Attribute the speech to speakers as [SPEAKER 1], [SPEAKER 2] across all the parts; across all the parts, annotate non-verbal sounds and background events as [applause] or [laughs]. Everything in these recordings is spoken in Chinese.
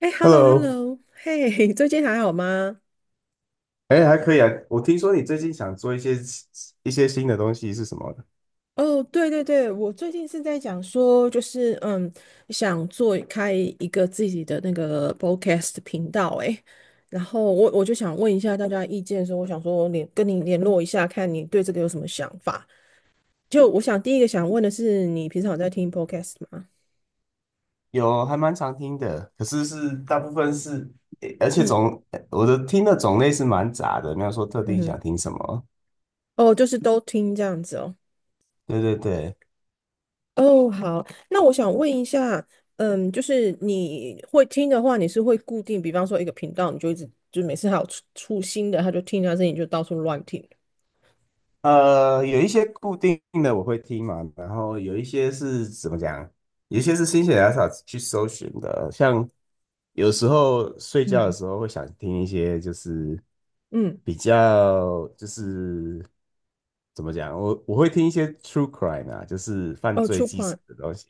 [SPEAKER 1] 哎，hello
[SPEAKER 2] Hello。
[SPEAKER 1] hello，嘿，[laughs] 最近还好吗？
[SPEAKER 2] 哎，还可以啊。我听说你最近想做一些新的东西是什么的。
[SPEAKER 1] 哦，对对对，我最近是在讲说，就是想做开一个自己的那个 podcast 频道，哎，然后我就想问一下大家意见的时候我想说跟你联络一下，看你对这个有什么想法。就我想第一个想问的是，你平常有在听 podcast 吗？
[SPEAKER 2] 有，还蛮常听的，可是是大部分是，诶而且
[SPEAKER 1] 嗯
[SPEAKER 2] 种我的听的种类是蛮杂的，没有说特
[SPEAKER 1] 嗯
[SPEAKER 2] 定
[SPEAKER 1] 哼，
[SPEAKER 2] 想听什么。
[SPEAKER 1] 哦，就是都听这样子哦。
[SPEAKER 2] 对对对。
[SPEAKER 1] 哦，好，那我想问一下，就是你会听的话，你是会固定，比方说一个频道，你就一直就每次还有出新的，他就听他声音就到处乱听。
[SPEAKER 2] 有一些固定的我会听嘛，然后有一些是怎么讲，有一些是心血来潮去搜寻的，像有时候睡觉的
[SPEAKER 1] 嗯
[SPEAKER 2] 时候会想听一些，就是
[SPEAKER 1] 嗯，
[SPEAKER 2] 比较，就是怎么讲，我会听一些 true crime 啊，就是犯
[SPEAKER 1] 哦
[SPEAKER 2] 罪
[SPEAKER 1] 出
[SPEAKER 2] 纪实
[SPEAKER 1] r
[SPEAKER 2] 的东西，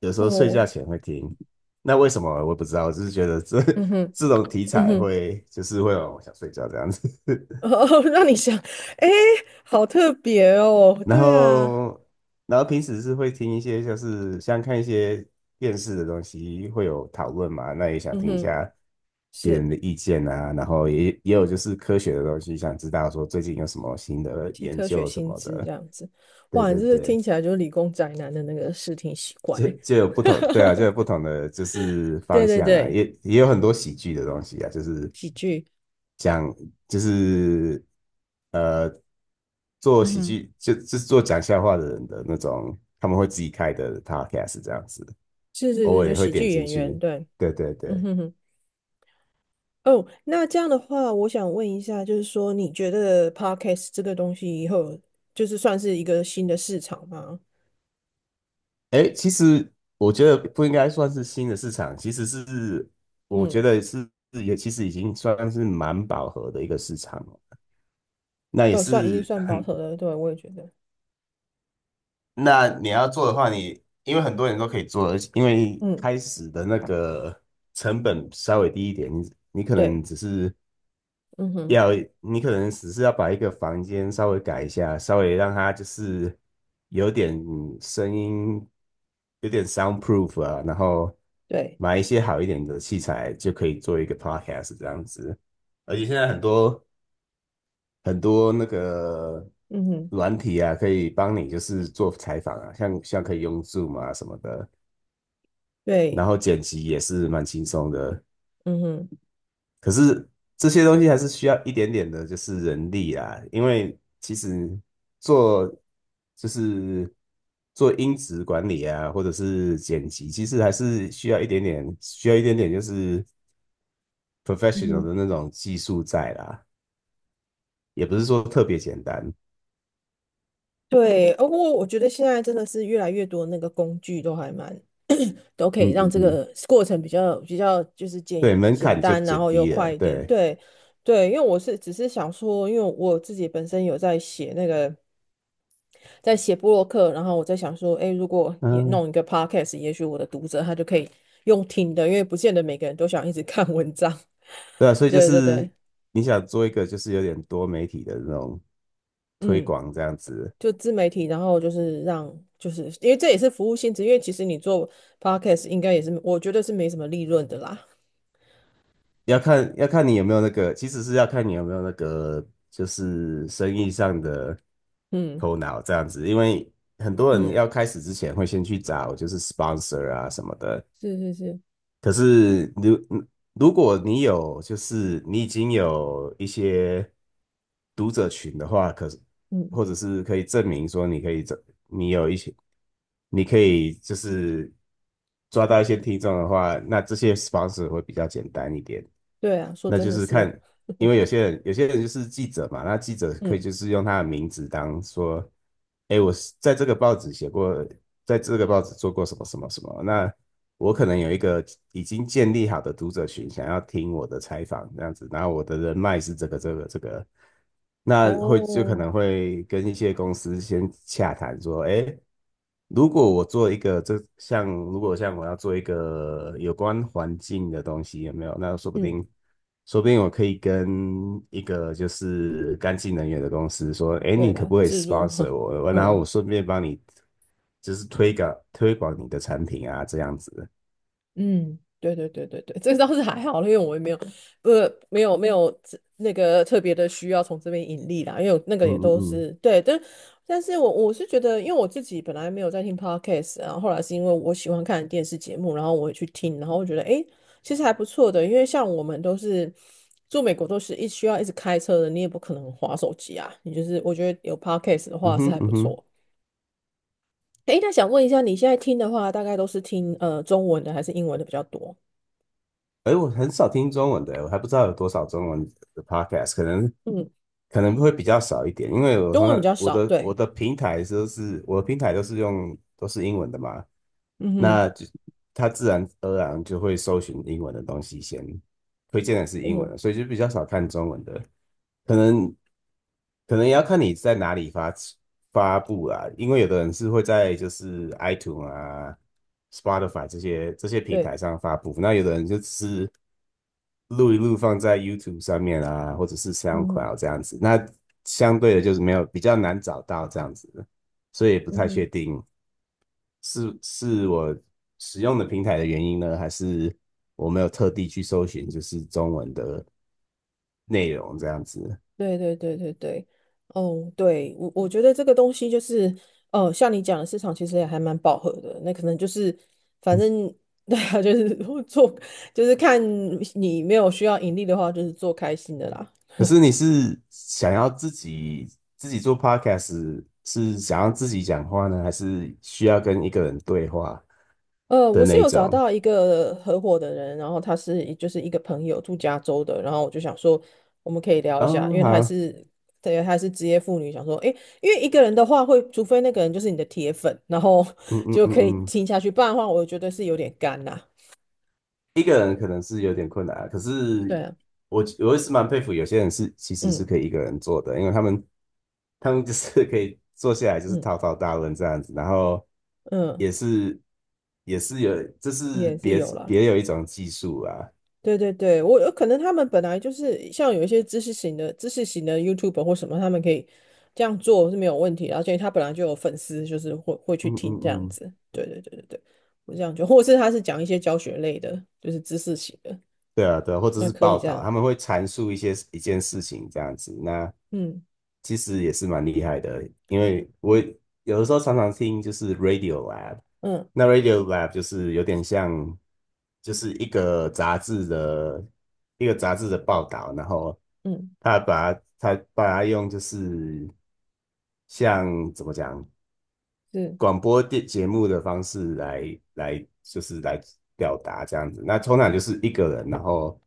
[SPEAKER 2] 有时候睡觉
[SPEAKER 1] 哦，
[SPEAKER 2] 前会听。那为什么我也不知道，我只是觉得这
[SPEAKER 1] 嗯哼，
[SPEAKER 2] [laughs] 这种题
[SPEAKER 1] 嗯
[SPEAKER 2] 材
[SPEAKER 1] 哼，
[SPEAKER 2] 会就是会让我想睡觉这样子。
[SPEAKER 1] [laughs] 哦，让你想，诶，好特别哦，
[SPEAKER 2] 然
[SPEAKER 1] 对啊，
[SPEAKER 2] 后，然后平时是会听一些，就是像看一些电视的东西，会有讨论嘛，那也想
[SPEAKER 1] 嗯
[SPEAKER 2] 听一
[SPEAKER 1] 哼，
[SPEAKER 2] 下别
[SPEAKER 1] 是
[SPEAKER 2] 人的意见啊，然后也有就是科学的东西，想知道说最近有什么新的
[SPEAKER 1] 新
[SPEAKER 2] 研
[SPEAKER 1] 科学
[SPEAKER 2] 究什
[SPEAKER 1] 新
[SPEAKER 2] 么
[SPEAKER 1] 知
[SPEAKER 2] 的。
[SPEAKER 1] 这样子，
[SPEAKER 2] 对
[SPEAKER 1] 哇，你
[SPEAKER 2] 对
[SPEAKER 1] 这是
[SPEAKER 2] 对，
[SPEAKER 1] 听起来就是理工宅男的那个视听习惯
[SPEAKER 2] 就
[SPEAKER 1] 欸，
[SPEAKER 2] 就有不同，
[SPEAKER 1] [laughs]
[SPEAKER 2] 对啊，就有不同的就是
[SPEAKER 1] 对
[SPEAKER 2] 方
[SPEAKER 1] 对
[SPEAKER 2] 向啊，
[SPEAKER 1] 对，
[SPEAKER 2] 也有很多喜剧的东西啊，就是
[SPEAKER 1] 喜剧，
[SPEAKER 2] 讲就是呃做
[SPEAKER 1] 嗯
[SPEAKER 2] 喜
[SPEAKER 1] 哼。
[SPEAKER 2] 剧就是做讲笑话的人的那种，他们会自己开的 podcast 这样子。
[SPEAKER 1] 是是
[SPEAKER 2] 偶
[SPEAKER 1] 是，
[SPEAKER 2] 尔
[SPEAKER 1] 就
[SPEAKER 2] 也会
[SPEAKER 1] 喜
[SPEAKER 2] 点
[SPEAKER 1] 剧
[SPEAKER 2] 进
[SPEAKER 1] 演员，
[SPEAKER 2] 去。
[SPEAKER 1] 对，
[SPEAKER 2] 对对
[SPEAKER 1] 嗯
[SPEAKER 2] 对。
[SPEAKER 1] 哼哼。哦，那这样的话，我想问一下，就是说，你觉得 podcast 这个东西以后就是算是一个新的市场吗？
[SPEAKER 2] 哎，其实我觉得不应该算是新的市场，其实是我觉
[SPEAKER 1] 嗯，
[SPEAKER 2] 得是也其实已经算是蛮饱和的一个市场了。那也
[SPEAKER 1] 已经
[SPEAKER 2] 是，
[SPEAKER 1] 算保守了，对，我也觉得，
[SPEAKER 2] 那你要做的话你，因为很多人都可以做，而且因为
[SPEAKER 1] 嗯，
[SPEAKER 2] 开始的那个成本稍微低一点，你可能
[SPEAKER 1] 对，
[SPEAKER 2] 只是
[SPEAKER 1] 嗯哼，
[SPEAKER 2] 要，可能只是要把一个房间稍微改一下，稍微让它就是有点声音，有点 soundproof 啊，然后
[SPEAKER 1] 对，
[SPEAKER 2] 买一些好一点的器材就可以做一个 podcast 这样子。而且现在很多，那个
[SPEAKER 1] 嗯哼，
[SPEAKER 2] 软体啊，可以帮你就是做采访啊，像可以用 Zoom 啊什么的，
[SPEAKER 1] 对，
[SPEAKER 2] 然后剪辑也是蛮轻松的。
[SPEAKER 1] 嗯哼。
[SPEAKER 2] 可是这些东西还是需要一点点的，就是人力啊，因为其实做，就是做音质管理啊，或者是剪辑，其实还是需要一点点，需要一点点就是
[SPEAKER 1] 嗯
[SPEAKER 2] professional
[SPEAKER 1] 哼，
[SPEAKER 2] 的那种技术在啦，也不是说特别简单。
[SPEAKER 1] 对，不过我觉得现在真的是越来越多那个工具都还蛮都可
[SPEAKER 2] 嗯
[SPEAKER 1] 以让
[SPEAKER 2] 嗯
[SPEAKER 1] 这
[SPEAKER 2] 嗯。
[SPEAKER 1] 个过程比较就是简
[SPEAKER 2] 对，门
[SPEAKER 1] 简
[SPEAKER 2] 槛就
[SPEAKER 1] 单，然
[SPEAKER 2] 减
[SPEAKER 1] 后又
[SPEAKER 2] 低
[SPEAKER 1] 快
[SPEAKER 2] 了，
[SPEAKER 1] 一点。
[SPEAKER 2] 对。
[SPEAKER 1] 对，对，因为我只是想说，因为我自己本身有在写布洛克，然后我在想说，哎，如果也
[SPEAKER 2] 嗯，
[SPEAKER 1] 弄一个 podcast，也许我的读者他就可以用听的，因为不见得每个人都想一直 [laughs] 看文章。
[SPEAKER 2] 对啊，所
[SPEAKER 1] [laughs]
[SPEAKER 2] 以就
[SPEAKER 1] 对对
[SPEAKER 2] 是
[SPEAKER 1] 对，
[SPEAKER 2] 你想做一个就是有点多媒体的那种推
[SPEAKER 1] 嗯，
[SPEAKER 2] 广这样子，
[SPEAKER 1] 就自媒体，然后就是因为这也是服务性质，因为其实你做 podcast 应该也是，我觉得是没什么利润的啦。
[SPEAKER 2] 要看，要看你有没有那个，其实是要看你有没有那个，就是生意上的
[SPEAKER 1] 嗯
[SPEAKER 2] 头脑这样子。因为很多人
[SPEAKER 1] 嗯，
[SPEAKER 2] 要开始之前会先去找就是 sponsor 啊什么的，
[SPEAKER 1] 是是是，
[SPEAKER 2] 可是如，如果你有就是你已经有一些读者群的话，可是
[SPEAKER 1] 嗯。
[SPEAKER 2] 或者是可以证明说你可以这，你有一些，你可以就是抓到一些听众的话，那这些 sponsor 会比较简单一点。
[SPEAKER 1] 对啊，说
[SPEAKER 2] 那
[SPEAKER 1] 真
[SPEAKER 2] 就
[SPEAKER 1] 的
[SPEAKER 2] 是看，
[SPEAKER 1] 是，
[SPEAKER 2] 因为有些人就是记者嘛，那记者可以
[SPEAKER 1] 嗯，
[SPEAKER 2] 就是用他的名字当说，哎，我是在这个报纸写过，在这个报纸做过什么什么什么，那我可能有一个已经建立好的读者群，想要听我的采访这样子，然后我的人脉是这个这个这个，那会就可
[SPEAKER 1] 哦，
[SPEAKER 2] 能会跟一些公司先洽谈说，哎，如果我做一个这，像如果像我要做一个有关环境的东西，有没有？那说不
[SPEAKER 1] 嗯，
[SPEAKER 2] 定，说不定我可以跟一个就是干净能源的公司说，哎，
[SPEAKER 1] 对
[SPEAKER 2] 你可
[SPEAKER 1] 了，
[SPEAKER 2] 不可以
[SPEAKER 1] 置入，
[SPEAKER 2] sponsor
[SPEAKER 1] [laughs]
[SPEAKER 2] 我？然后
[SPEAKER 1] 嗯。
[SPEAKER 2] 我顺便帮你就是推广你的产品啊，这样子。
[SPEAKER 1] 嗯，对对对对对，这个倒是还好了因为我也没有，没有那个特别的需要从这边盈利啦，因为我那个
[SPEAKER 2] 嗯
[SPEAKER 1] 也
[SPEAKER 2] 嗯
[SPEAKER 1] 都
[SPEAKER 2] 嗯，
[SPEAKER 1] 是对，但是我是觉得，因为我自己本来没有在听 podcast，然后后来是因为我喜欢看电视节目，然后我也去听，然后我觉得诶，其实还不错的，因为像我们都是住美国，都是需要一直开车的，你也不可能划手机啊，你就是我觉得有 podcast 的
[SPEAKER 2] 嗯
[SPEAKER 1] 话是
[SPEAKER 2] 哼，
[SPEAKER 1] 还不
[SPEAKER 2] 嗯哼。
[SPEAKER 1] 错。诶，那想问一下，你现在听的话，大概都是听中文的还是英文的比较多？
[SPEAKER 2] 哎，我很少听中文的，我还不知道有多少中文的 podcast，可能，
[SPEAKER 1] 嗯
[SPEAKER 2] 可能会比较少一点，因为我
[SPEAKER 1] 中
[SPEAKER 2] 通
[SPEAKER 1] 文比
[SPEAKER 2] 常
[SPEAKER 1] 较
[SPEAKER 2] 我
[SPEAKER 1] 少，
[SPEAKER 2] 的我
[SPEAKER 1] 对，
[SPEAKER 2] 的平台都是，我的平台都是用，都是英文的嘛，
[SPEAKER 1] 嗯哼，
[SPEAKER 2] 那就它自然而然就会搜寻英文的东西先，推荐的是英文
[SPEAKER 1] 嗯，
[SPEAKER 2] 的，所以就比较少看中文的，可能，可能也要看你在哪里发，发布啊，因为有的人是会在就是 iTunes 啊、Spotify 这些平
[SPEAKER 1] 对，
[SPEAKER 2] 台上发布，那有的人就只是录一录放在 YouTube 上面啊，或者是
[SPEAKER 1] 嗯哼，
[SPEAKER 2] SoundCloud 这样子。那相对的就是没有，比较难找到这样子，所以也不
[SPEAKER 1] 嗯
[SPEAKER 2] 太
[SPEAKER 1] 哼，
[SPEAKER 2] 确定是，我使用的平台的原因呢，还是我没有特地去搜寻就是中文的内容这样子。
[SPEAKER 1] 对对对对对，哦，对，我觉得这个东西就是，像你讲的市场其实也还蛮饱和的，那可能就是，反正 [laughs] 对啊，就是做，就是看你没有需要盈利的话，就是做开心的啦。
[SPEAKER 2] 可是你是想要自己，自己做 podcast，是想要自己讲话呢，还是需要跟一个人对话
[SPEAKER 1] 我
[SPEAKER 2] 的
[SPEAKER 1] 是
[SPEAKER 2] 那一
[SPEAKER 1] 有找
[SPEAKER 2] 种？
[SPEAKER 1] 到一个合伙的人，然后他是一就是一个朋友住加州的，然后我就想说我们可以聊一下，
[SPEAKER 2] 哦，
[SPEAKER 1] 因为他也
[SPEAKER 2] 好。
[SPEAKER 1] 是对，他也是职业妇女，想说诶，因为一个人的话会，除非那个人就是你的铁粉，然后
[SPEAKER 2] 嗯
[SPEAKER 1] [laughs]
[SPEAKER 2] 嗯
[SPEAKER 1] 就可以
[SPEAKER 2] 嗯嗯。
[SPEAKER 1] 听下去，不然的话我觉得是有点干啦。
[SPEAKER 2] 一个人可能是有点困难啊，可是
[SPEAKER 1] 对啊，
[SPEAKER 2] 我也是蛮佩服有些人是其实是
[SPEAKER 1] 嗯
[SPEAKER 2] 可以一个人做的，因为他们，他们就是可以坐下来就是
[SPEAKER 1] 嗯
[SPEAKER 2] 滔滔大论这样子，然后
[SPEAKER 1] 嗯，
[SPEAKER 2] 也是，有这是
[SPEAKER 1] 也是
[SPEAKER 2] 别，
[SPEAKER 1] 有啦。
[SPEAKER 2] 别有一种技术啊。
[SPEAKER 1] 对对对，我有可能他们本来就是像有一些知识型的 YouTube 或什么，他们可以这样做是没有问题的而且他本来就有粉丝，就是会去
[SPEAKER 2] 嗯嗯
[SPEAKER 1] 听这样
[SPEAKER 2] 嗯。
[SPEAKER 1] 子。对对对对对，我这样就，或者是他是讲一些教学类的，就是知识型的，
[SPEAKER 2] 对啊对啊，或者
[SPEAKER 1] 那
[SPEAKER 2] 是
[SPEAKER 1] 可以
[SPEAKER 2] 报
[SPEAKER 1] 这
[SPEAKER 2] 道，
[SPEAKER 1] 样。
[SPEAKER 2] 他们会阐述一些一件事情这样子，那
[SPEAKER 1] 嗯
[SPEAKER 2] 其实也是蛮厉害的，因为我有的时候常常听就是 Radio Lab。
[SPEAKER 1] 嗯
[SPEAKER 2] 那 Radio Lab 就是有点像就是一个杂志的，一个杂志的报道，然后
[SPEAKER 1] 嗯，
[SPEAKER 2] 他把它他把它用就是，像怎么讲，
[SPEAKER 1] 是
[SPEAKER 2] 广播电节目的方式来就是来表达这样子。那通常就是一个人，然后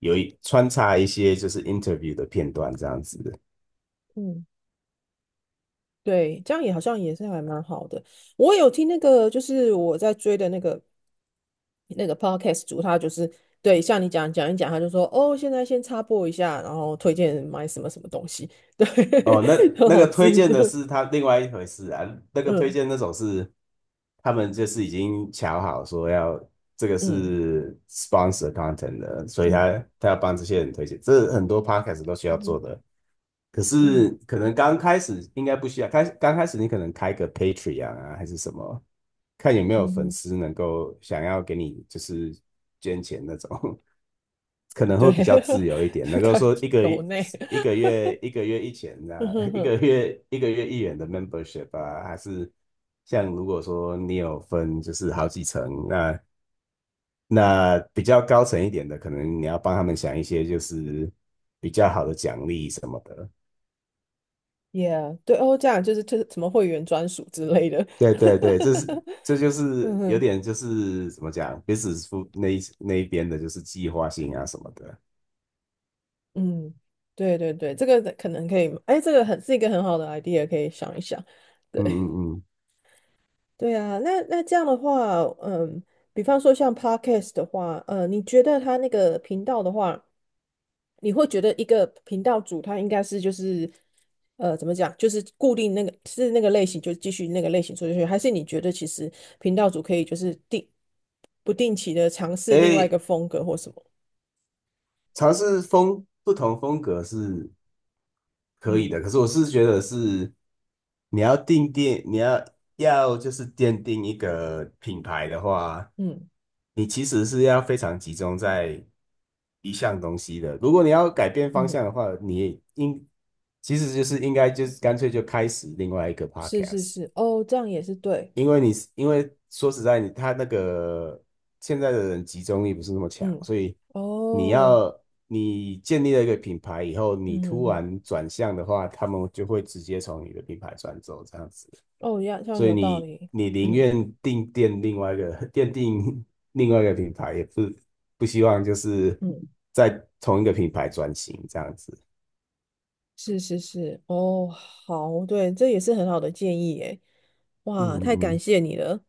[SPEAKER 2] 有一，穿插一些就是 interview 的片段这样子。
[SPEAKER 1] 嗯，对，这样也好像也是还蛮好的。我有听那个，就是我在追的那个。那个 podcast 主他就是对，像你讲一讲，他就说哦，现在先插播一下，然后推荐买什么什么东西，对，
[SPEAKER 2] 哦，那
[SPEAKER 1] [laughs] 很
[SPEAKER 2] 那
[SPEAKER 1] 好
[SPEAKER 2] 个推
[SPEAKER 1] 自
[SPEAKER 2] 荐的
[SPEAKER 1] 助，
[SPEAKER 2] 是他另外一回事啊，那个推
[SPEAKER 1] 嗯
[SPEAKER 2] 荐那种是他们就是已经瞧好说要这个
[SPEAKER 1] 嗯
[SPEAKER 2] 是 sponsor content 的，所以
[SPEAKER 1] 嗯
[SPEAKER 2] 他要帮这些人推荐，这很多 podcast 都需要
[SPEAKER 1] 嗯
[SPEAKER 2] 做
[SPEAKER 1] 哼
[SPEAKER 2] 的。可是
[SPEAKER 1] 嗯
[SPEAKER 2] 可能刚开始应该不需要，开，刚开始你可能开个 Patreon 啊，还是什么，看有没有
[SPEAKER 1] 嗯
[SPEAKER 2] 粉
[SPEAKER 1] 哼，
[SPEAKER 2] 丝能够想要给你就是捐钱那种。可能
[SPEAKER 1] 对，
[SPEAKER 2] 会比较自由一点，能
[SPEAKER 1] [laughs]
[SPEAKER 2] 够
[SPEAKER 1] 感
[SPEAKER 2] 说
[SPEAKER 1] 觉
[SPEAKER 2] 一个，
[SPEAKER 1] 抖内，
[SPEAKER 2] 一个月一千
[SPEAKER 1] [laughs] 嗯
[SPEAKER 2] 啊，
[SPEAKER 1] 哼
[SPEAKER 2] [laughs] 一
[SPEAKER 1] 哼
[SPEAKER 2] 个月一个月一元的 membership 啊，还是像如果说你有分就是好几层，那，比较高层一点的，可能你要帮他们想一些就是比较好的奖励什么的。
[SPEAKER 1] ，yeah，对哦，这样就是就是什么会员专属之类的，
[SPEAKER 2] 对对对，这是
[SPEAKER 1] [laughs]
[SPEAKER 2] 这就
[SPEAKER 1] 嗯
[SPEAKER 2] 是有
[SPEAKER 1] 哼
[SPEAKER 2] 点，就是怎么讲，business school 那一边的就是计划性啊什么的。
[SPEAKER 1] 嗯，对对对，这个可能可以，哎，这个很是一个很好的 idea，可以想一想。
[SPEAKER 2] 嗯
[SPEAKER 1] 对。
[SPEAKER 2] 嗯嗯。
[SPEAKER 1] 对啊，那这样的话，嗯，比方说像 podcast 的话，你觉得他那个频道的话，你会觉得一个频道主他应该是怎么讲，就是固定那个是那个类型就继续那个类型做下去，还是你觉得其实频道主可以就是不定期的尝试另外一
[SPEAKER 2] 诶，
[SPEAKER 1] 个风格或什么？
[SPEAKER 2] 尝试风，不同风格是可以
[SPEAKER 1] 嗯
[SPEAKER 2] 的，可是我是觉得是，你要定，定，你要要就是奠定一个品牌的话，
[SPEAKER 1] 嗯
[SPEAKER 2] 你其实是要非常集中在一项东西的。如果你要改变方
[SPEAKER 1] 嗯，
[SPEAKER 2] 向的话，你应，其实就是应该就是干脆就开始另外一个
[SPEAKER 1] 是是
[SPEAKER 2] podcast。
[SPEAKER 1] 是，哦，这样也是对，
[SPEAKER 2] 因为你，因为说实在，你，那个现在的人集中力不是那么强，
[SPEAKER 1] 嗯，
[SPEAKER 2] 所以你
[SPEAKER 1] 哦，
[SPEAKER 2] 要，建立了一个品牌以后，你
[SPEAKER 1] 嗯哼
[SPEAKER 2] 突
[SPEAKER 1] 哼，
[SPEAKER 2] 然转向的话，他们就会直接从你的品牌转走这样子。
[SPEAKER 1] 哦，一样，这样
[SPEAKER 2] 所以
[SPEAKER 1] 有道
[SPEAKER 2] 你
[SPEAKER 1] 理，
[SPEAKER 2] 你宁
[SPEAKER 1] 嗯
[SPEAKER 2] 愿定店另外一个 [laughs] 奠定另外一个品牌，也，不希望就是
[SPEAKER 1] 嗯。
[SPEAKER 2] 在同一个品牌转型这样子。
[SPEAKER 1] 是是是，哦，好，对，这也是很好的建议诶。
[SPEAKER 2] 嗯
[SPEAKER 1] 哇，太感
[SPEAKER 2] 嗯。
[SPEAKER 1] 谢你了。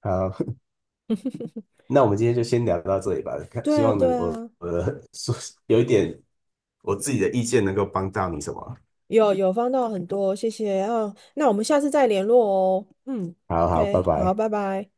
[SPEAKER 2] 好。[laughs] 那我们今天就先聊到这里吧。看
[SPEAKER 1] 对
[SPEAKER 2] 希
[SPEAKER 1] 啊，
[SPEAKER 2] 望能，
[SPEAKER 1] 对
[SPEAKER 2] 我
[SPEAKER 1] 啊，
[SPEAKER 2] 我的 [laughs] 说有一点我自己的意见能够帮到你什么？
[SPEAKER 1] 有帮到很多，谢谢。啊，那我们下次再联络哦。嗯
[SPEAKER 2] 好好，拜
[SPEAKER 1] ，OK，好，
[SPEAKER 2] 拜。
[SPEAKER 1] 拜拜。